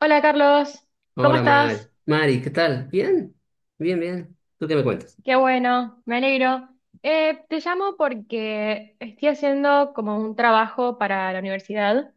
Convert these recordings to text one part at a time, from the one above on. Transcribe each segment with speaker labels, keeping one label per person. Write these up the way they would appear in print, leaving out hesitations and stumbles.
Speaker 1: Hola, Carlos, ¿cómo
Speaker 2: Hola, Mari.
Speaker 1: estás?
Speaker 2: Mari, ¿qué tal? Bien, bien, bien. ¿Tú qué me cuentas?
Speaker 1: Qué bueno, me alegro. Te llamo porque estoy haciendo como un trabajo para la universidad,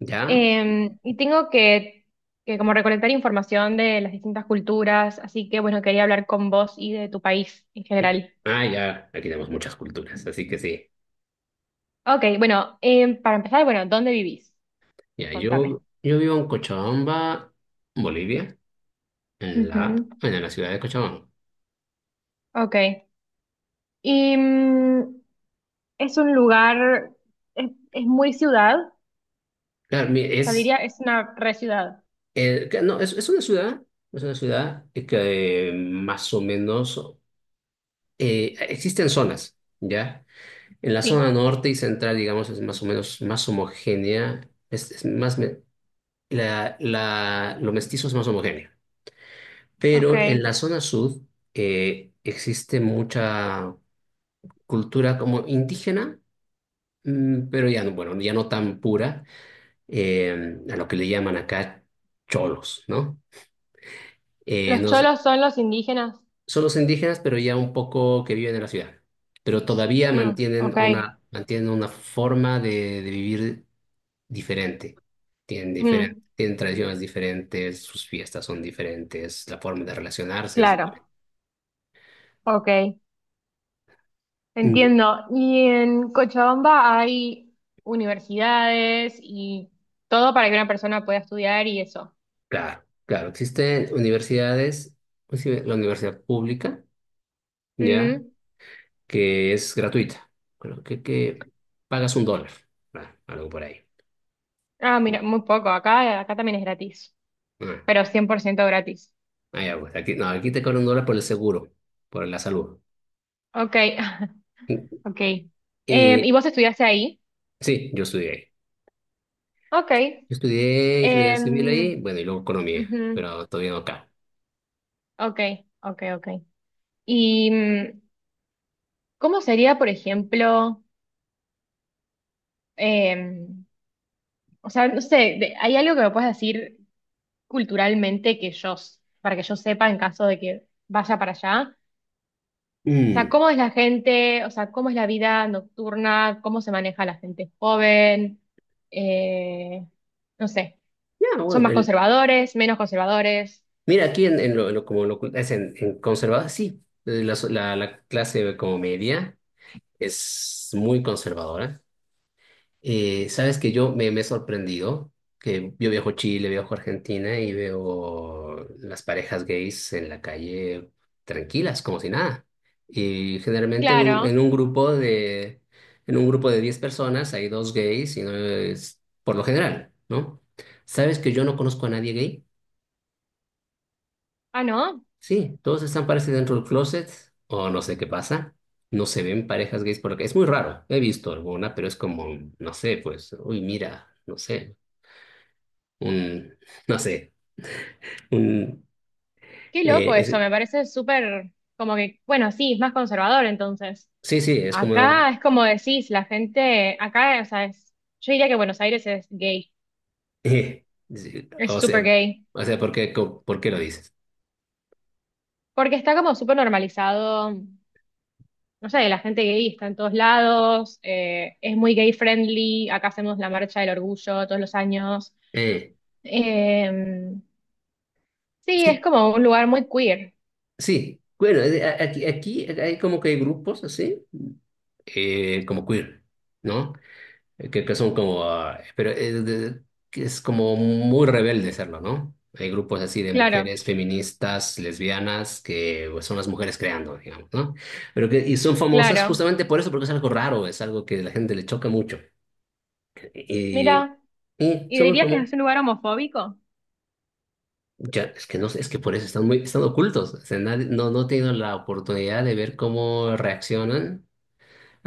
Speaker 2: ¿Ya?
Speaker 1: y tengo que como recolectar información de las distintas culturas, así que bueno, quería hablar con vos y de tu país en general.
Speaker 2: Ah, ya. Aquí tenemos muchas culturas, así que sí.
Speaker 1: Ok, bueno, para empezar, bueno, ¿dónde vivís?
Speaker 2: Ya,
Speaker 1: Contame.
Speaker 2: yo vivo en Cochabamba, Bolivia, en la,
Speaker 1: Ujú.
Speaker 2: en la ciudad de Cochabamba.
Speaker 1: Ok. Y mm, es un lugar, es muy ciudad, o
Speaker 2: Claro,
Speaker 1: sea,
Speaker 2: es,
Speaker 1: diría, es una re ciudad.
Speaker 2: que no, es una ciudad que más o menos existen zonas, ¿ya? En la zona
Speaker 1: Sí.
Speaker 2: norte y central, digamos, es más o menos más homogénea, es más, me- la, lo mestizo es más homogéneo.
Speaker 1: Ok.
Speaker 2: Pero en la zona sur existe mucha cultura como indígena, pero ya no, bueno, ya no tan pura, a lo que le llaman acá cholos, ¿no? Eh,
Speaker 1: Los
Speaker 2: nos-
Speaker 1: cholos son los indígenas.
Speaker 2: Son los indígenas, pero ya un poco que viven en la ciudad, pero todavía
Speaker 1: Mm,
Speaker 2: mantienen
Speaker 1: ok.
Speaker 2: una, mantienen una forma de vivir diferente. Tienen diferen-
Speaker 1: Mm,
Speaker 2: tienen tradiciones diferentes, sus fiestas son diferentes, la forma de relacionarse es
Speaker 1: claro.
Speaker 2: diferente.
Speaker 1: Ok. Entiendo. ¿Y en Cochabamba hay universidades y todo para que una persona pueda estudiar y eso?
Speaker 2: Claro, claro. Existen universidades, pues sí, la universidad pública, ¿ya?
Speaker 1: Mm.
Speaker 2: Que es gratuita. Creo que pagas $1, ah, algo por ahí.
Speaker 1: Ah, mira, muy poco. Acá también es gratis,
Speaker 2: Ah,
Speaker 1: pero 100% gratis.
Speaker 2: ya, pues, aquí, no, aquí te cobran $1 por el seguro, por la salud.
Speaker 1: Ok. Ok.
Speaker 2: Y
Speaker 1: ¿Y vos estudiaste ahí?
Speaker 2: sí, yo estudié ahí.
Speaker 1: Ok.
Speaker 2: Yo estudié ingeniería civil
Speaker 1: Em,
Speaker 2: ahí, bueno, y luego economía,
Speaker 1: ujú.
Speaker 2: pero todavía no acá.
Speaker 1: Ok, ok, ok. ¿Y mm, cómo sería, por ejemplo? Eh, o sea, no sé, de- ¿hay algo que me puedas decir culturalmente que yo, s- para que yo sepa en caso de que vaya para allá? O sea,
Speaker 2: Mm,
Speaker 1: ¿cómo es la gente? O sea, ¿cómo es la vida nocturna? ¿Cómo se maneja la gente joven? Eh, no sé,
Speaker 2: Ya,
Speaker 1: ¿son
Speaker 2: bueno,
Speaker 1: más
Speaker 2: el,
Speaker 1: conservadores, menos conservadores?
Speaker 2: mira, aquí en lo- como lo es en conservador, sí, la clase como media. Es muy conservadora. Sabes que yo me he sorprendido que yo viajo a Chile, viajo a Argentina y veo las parejas gays en la calle tranquilas, como si nada. Y generalmente en un,
Speaker 1: Claro.
Speaker 2: en un grupo de 10 personas hay dos gays y no es por lo general, ¿no? ¿Sabes que yo no conozco a nadie gay?
Speaker 1: Ah, ¿no?
Speaker 2: Sí, todos están parece dentro del closet o no sé qué pasa. No se ven parejas gays porque es muy raro. He visto alguna, pero es como, no sé, pues, uy, mira, no sé, un, no sé, un,
Speaker 1: Qué
Speaker 2: eh,
Speaker 1: loco eso,
Speaker 2: es-
Speaker 1: me parece súper, como que, bueno, sí, es más conservador entonces.
Speaker 2: sí, sí, es como,
Speaker 1: Acá es como decís, la gente, acá, o sea, es... Yo diría que Buenos Aires es gay.
Speaker 2: eh, sí,
Speaker 1: Es
Speaker 2: o
Speaker 1: súper
Speaker 2: sea,
Speaker 1: gay,
Speaker 2: ¿ por qué lo dices?
Speaker 1: porque está como súper normalizado, no sé, la gente gay está en todos lados, es muy gay friendly, acá hacemos la marcha del orgullo todos los años.
Speaker 2: Eh,
Speaker 1: Eh, sí, es
Speaker 2: sí,
Speaker 1: como un lugar muy queer,
Speaker 2: sí, bueno, aquí hay como que hay grupos así, como queer, ¿no? Que son como, ah, pero que es como muy rebelde serlo, ¿no? Hay grupos así de
Speaker 1: claro,
Speaker 2: mujeres feministas, lesbianas, que pues, son las mujeres creando, digamos, ¿no? Pero que, y son famosas
Speaker 1: claro.
Speaker 2: justamente por eso, porque es algo raro, es algo que a la gente le choca mucho. Y,
Speaker 1: Mira,
Speaker 2: y
Speaker 1: ¿y
Speaker 2: son muy
Speaker 1: dirías que
Speaker 2: famosas.
Speaker 1: es un lugar homofóbico?
Speaker 2: Ya, es que no sé, es que por eso están muy, están ocultos. O sea, nadie- no, no he tenido la oportunidad de ver cómo reaccionan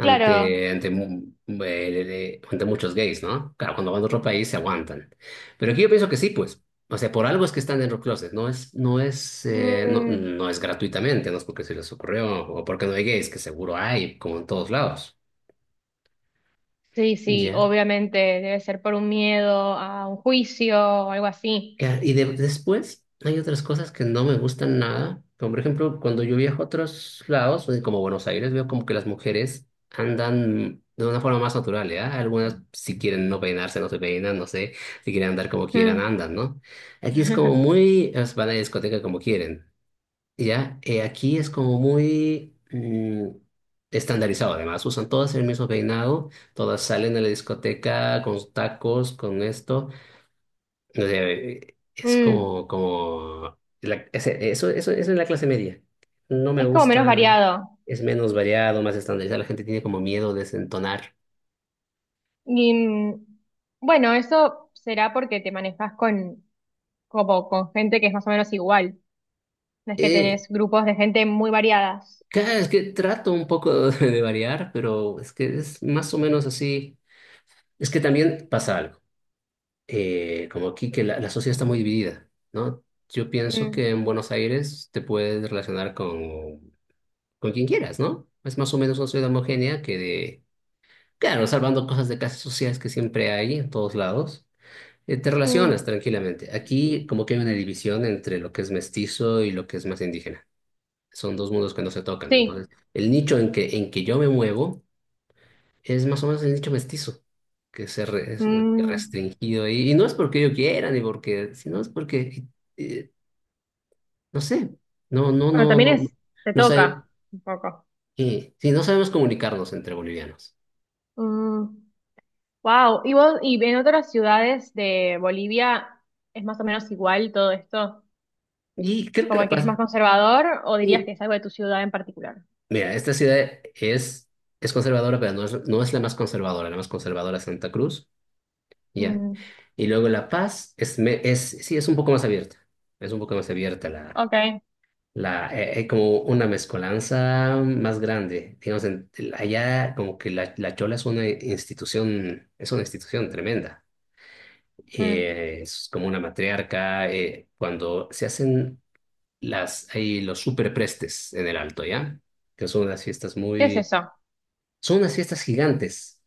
Speaker 1: Claro.
Speaker 2: ante muchos gays, ¿no? Claro, cuando van a otro país se aguantan. Pero aquí yo pienso que sí, pues. O sea, por algo es que están en los closets, no es, no es, no,
Speaker 1: Mm,
Speaker 2: no es gratuitamente, no es porque se les ocurrió o porque no hay gays, que seguro hay, como en todos lados.
Speaker 1: sí, sí,
Speaker 2: Ya.
Speaker 1: obviamente debe ser por un miedo a un juicio o algo así.
Speaker 2: Y después hay otras cosas que no me gustan nada, como por ejemplo cuando yo viajo a otros lados, como Buenos Aires, veo como que las mujeres andan de una forma más natural, ¿ya? Algunas si quieren no peinarse, no se peinan, no sé, si quieren andar como quieran,
Speaker 1: Mm.
Speaker 2: andan, ¿no? Aquí es como muy, es, van a la discoteca como quieren, ¿ya? Aquí es como muy estandarizado, además, usan todas el mismo peinado, todas salen a la discoteca con tacos, con esto. No sé, es
Speaker 1: Mm.
Speaker 2: como, como la- eso es la clase media. No me
Speaker 1: Es como menos
Speaker 2: gusta,
Speaker 1: variado.
Speaker 2: es menos variado, más estandarizado. La gente tiene como miedo de desentonar.
Speaker 1: Y mm, bueno, eso será porque te manejas con, como, con gente que es más o menos igual. No es que
Speaker 2: Eh,
Speaker 1: tenés grupos de gente muy variadas.
Speaker 2: claro, es que trato un poco de variar, pero es que es más o menos así. Es que también pasa algo. Como aquí que la sociedad está muy dividida, ¿no? Yo pienso que
Speaker 1: Mm,
Speaker 2: en Buenos Aires te puedes relacionar con, quien quieras, ¿no? Es más o menos una sociedad homogénea que de Claro, salvando cosas de clases sociales que siempre hay en todos lados, te
Speaker 1: mm,
Speaker 2: relacionas tranquilamente. Aquí como que hay una división entre lo que es mestizo y lo que es más indígena. Son dos mundos que no se tocan.
Speaker 1: sí.
Speaker 2: Entonces, el nicho en que yo me muevo es más o menos el nicho mestizo, que se es
Speaker 1: Mm,
Speaker 2: restringido. Y no es porque yo quiera, ni porque, sino es porque, eh, no sé, no, no,
Speaker 1: bueno,
Speaker 2: no,
Speaker 1: también
Speaker 2: no, no,
Speaker 1: es, te
Speaker 2: no sé,
Speaker 1: toca un poco.
Speaker 2: sí, no sabemos comunicarnos entre bolivianos.
Speaker 1: Wow. ¿Y vos, y en otras ciudades de Bolivia es más o menos igual todo esto?
Speaker 2: Y creo que La
Speaker 1: ¿Como que es más
Speaker 2: Paz.
Speaker 1: conservador o dirías que es algo de tu ciudad en particular?
Speaker 2: Mira, esta ciudad es, conservadora, pero no es la más conservadora. La más conservadora es Santa Cruz, ya.
Speaker 1: Mm,
Speaker 2: Y luego La Paz es, es, sí, es un poco más abierta. Es un poco más abierta
Speaker 1: ok.
Speaker 2: como una mezcolanza más grande. Digamos, allá como que la Chola es una institución tremenda.
Speaker 1: Mm,
Speaker 2: Es como una matriarca. Cuando se hacen las, hay los superprestes en El Alto, ¿ya? Que son unas fiestas
Speaker 1: ¿qué es
Speaker 2: muy.
Speaker 1: eso?
Speaker 2: Son unas fiestas gigantes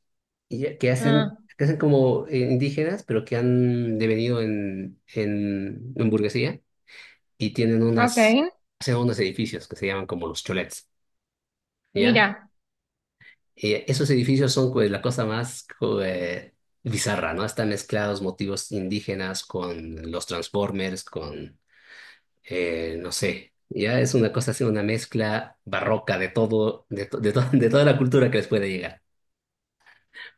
Speaker 1: Ah,
Speaker 2: que hacen como indígenas, pero que han devenido en burguesía y tienen unas,
Speaker 1: ok.
Speaker 2: hacen unos edificios que se llaman como los cholets, ¿ya?
Speaker 1: Mira.
Speaker 2: Y esos edificios son pues, la cosa más bizarra, ¿no? Están mezclados motivos indígenas con los Transformers, con, no sé, ya es una cosa así, una mezcla barroca de todo, de toda la cultura que les puede llegar.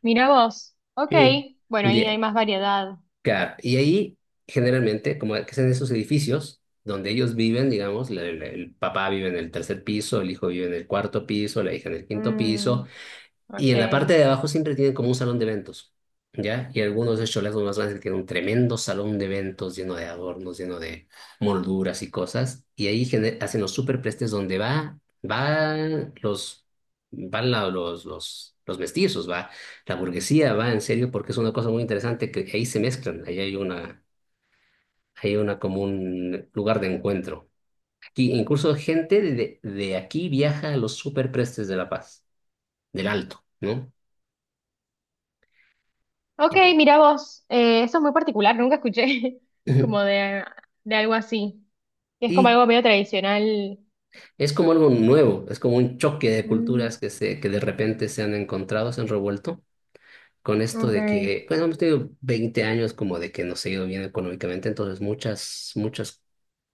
Speaker 1: Mira vos. Ok.
Speaker 2: Sí.
Speaker 1: Bueno,
Speaker 2: Un
Speaker 1: ahí hay
Speaker 2: día,
Speaker 1: más variedad.
Speaker 2: claro, y ahí generalmente, como que en esos edificios donde ellos viven, digamos, el papá vive en el tercer piso, el hijo vive en el cuarto piso, la hija en el quinto piso,
Speaker 1: Mm,
Speaker 2: y
Speaker 1: ok.
Speaker 2: en la parte de abajo siempre tienen como un salón de eventos, ¿ya? Y algunos de estos cholazos más grandes tienen un tremendo salón de eventos lleno de adornos, lleno de molduras y cosas. Y ahí hacen los superprestes donde va, van los, los, los mestizos, va la burguesía, va en serio, porque es una cosa muy interesante que ahí se mezclan. Ahí hay una como un lugar de encuentro. Aquí incluso gente de aquí viaja a los superprestes de La Paz, del Alto, ¿no?
Speaker 1: Ok, mira vos. Eso es muy particular, nunca escuché como de algo así. Es como
Speaker 2: Y
Speaker 1: algo medio tradicional.
Speaker 2: es como algo nuevo, es como un choque de culturas
Speaker 1: Mm,
Speaker 2: que, se, que de repente se han encontrado, se han revuelto con esto de
Speaker 1: ok.
Speaker 2: que, pues hemos tenido 20 años como de que nos ha ido bien económicamente, entonces muchas, muchas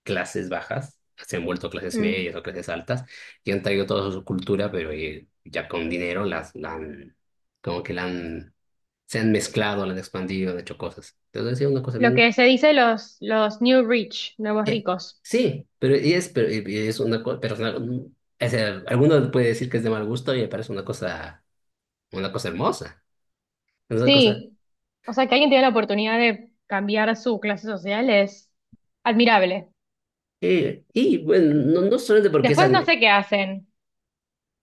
Speaker 2: clases bajas se han vuelto clases
Speaker 1: Mm.
Speaker 2: medias o clases altas y han traído toda su cultura, pero ya con dinero la han, como que la han, se han mezclado, la han expandido, han hecho cosas. Entonces es una cosa.
Speaker 1: Lo que se dice los new rich, nuevos
Speaker 2: Eh,
Speaker 1: ricos.
Speaker 2: sí, pero y es, pero, y es una cosa, pero es una- o sea, alguno puede decir que es de mal gusto y me parece una cosa hermosa, una cosa.
Speaker 1: Sí. O sea, que alguien tiene la oportunidad de cambiar su clase social es admirable.
Speaker 2: Y bueno, no, no solamente porque es
Speaker 1: Después no sé qué hacen.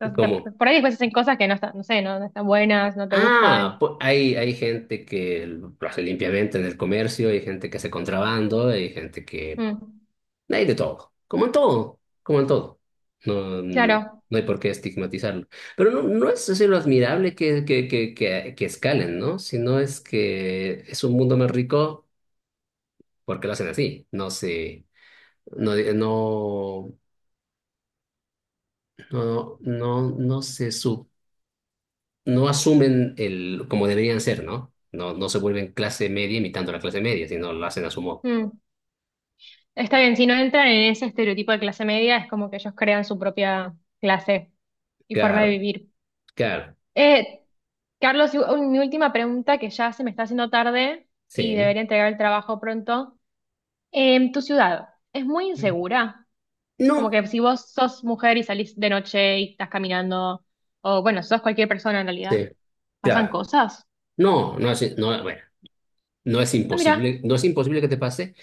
Speaker 1: Entonces,
Speaker 2: como,
Speaker 1: de- Por ahí después hacen cosas que no están, no sé, no, no están buenas, no te
Speaker 2: ah,
Speaker 1: gustan.
Speaker 2: hay, hay gente que lo hace limpiamente en el comercio, hay gente que hace contrabando, hay gente que.
Speaker 1: Mm,
Speaker 2: Hay de todo, como en todo, como en todo. No, mm,
Speaker 1: claro.
Speaker 2: no hay por qué estigmatizarlo. Pero no, no es decir lo admirable que escalen, ¿no? Sino es que es un mundo más rico porque lo hacen así. No se, no, no, no, no, no asumen el, como deberían ser, ¿no? No, no se vuelven clase media imitando la clase media, sino lo hacen a su modo.
Speaker 1: Mm. Está bien, si no entran en ese estereotipo de clase media, es como que ellos crean su propia clase y forma de
Speaker 2: Claro,
Speaker 1: vivir.
Speaker 2: claro,
Speaker 1: Eh, Carlos, y un- mi última pregunta que ya se me está haciendo tarde y
Speaker 2: sí.
Speaker 1: debería entregar el trabajo pronto. Em, ¿tu ciudad es muy insegura? Como
Speaker 2: No,
Speaker 1: que si vos sos mujer y salís de noche y estás caminando, o bueno, sos cualquier persona en realidad,
Speaker 2: sí,
Speaker 1: ¿pasan
Speaker 2: claro.
Speaker 1: cosas?
Speaker 2: No, no, así, no, bueno. No es
Speaker 1: Ah, mira,
Speaker 2: imposible, no es imposible que te pase,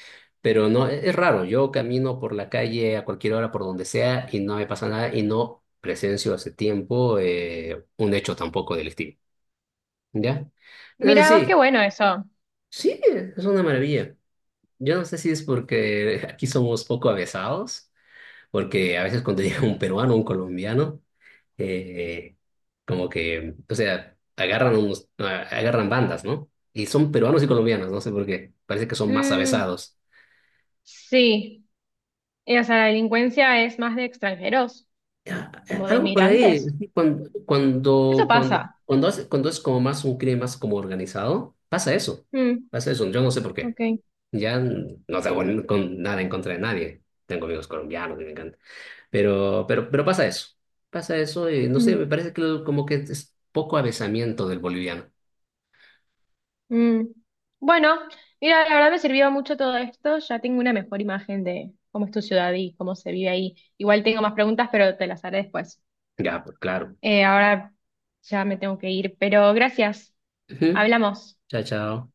Speaker 2: pero no es raro. Yo camino por la calle a cualquier hora, por donde sea, y no me pasa nada y no presencio hace tiempo un hecho tampoco delictivo. ¿Ya? Entonces
Speaker 1: mira, vos qué
Speaker 2: sí,
Speaker 1: bueno eso.
Speaker 2: sí, es una maravilla. Yo no sé si es porque aquí somos poco avesados, porque a veces cuando llega un peruano, un colombiano, eh, como que, o sea, agarran unos, agarran bandas, ¿no? Y son peruanos y colombianos, no sé por qué. Parece que son más
Speaker 1: Mm,
Speaker 2: avesados.
Speaker 1: sí. Y, o sea, ¿la delincuencia es más de extranjeros, como de
Speaker 2: Algo por ahí,
Speaker 1: inmigrantes?
Speaker 2: así,
Speaker 1: Eso pasa.
Speaker 2: cuando es como más un crimen más como organizado,
Speaker 1: Mm,
Speaker 2: pasa eso, yo no sé por qué,
Speaker 1: ok.
Speaker 2: ya no tengo con nada en contra de nadie, tengo amigos colombianos que me encantan, pero, pero pasa eso, y no sé, me
Speaker 1: Mm,
Speaker 2: parece que como que es poco avezamiento del boliviano,
Speaker 1: mm. Bueno, mira, la verdad me sirvió mucho todo esto. Ya tengo una mejor imagen de cómo es tu ciudad y cómo se vive ahí. Igual tengo más preguntas, pero te las haré después.
Speaker 2: ya, pues claro.
Speaker 1: Ahora ya me tengo que ir, pero gracias.
Speaker 2: Ujú.
Speaker 1: Hablamos.
Speaker 2: Chao, chao.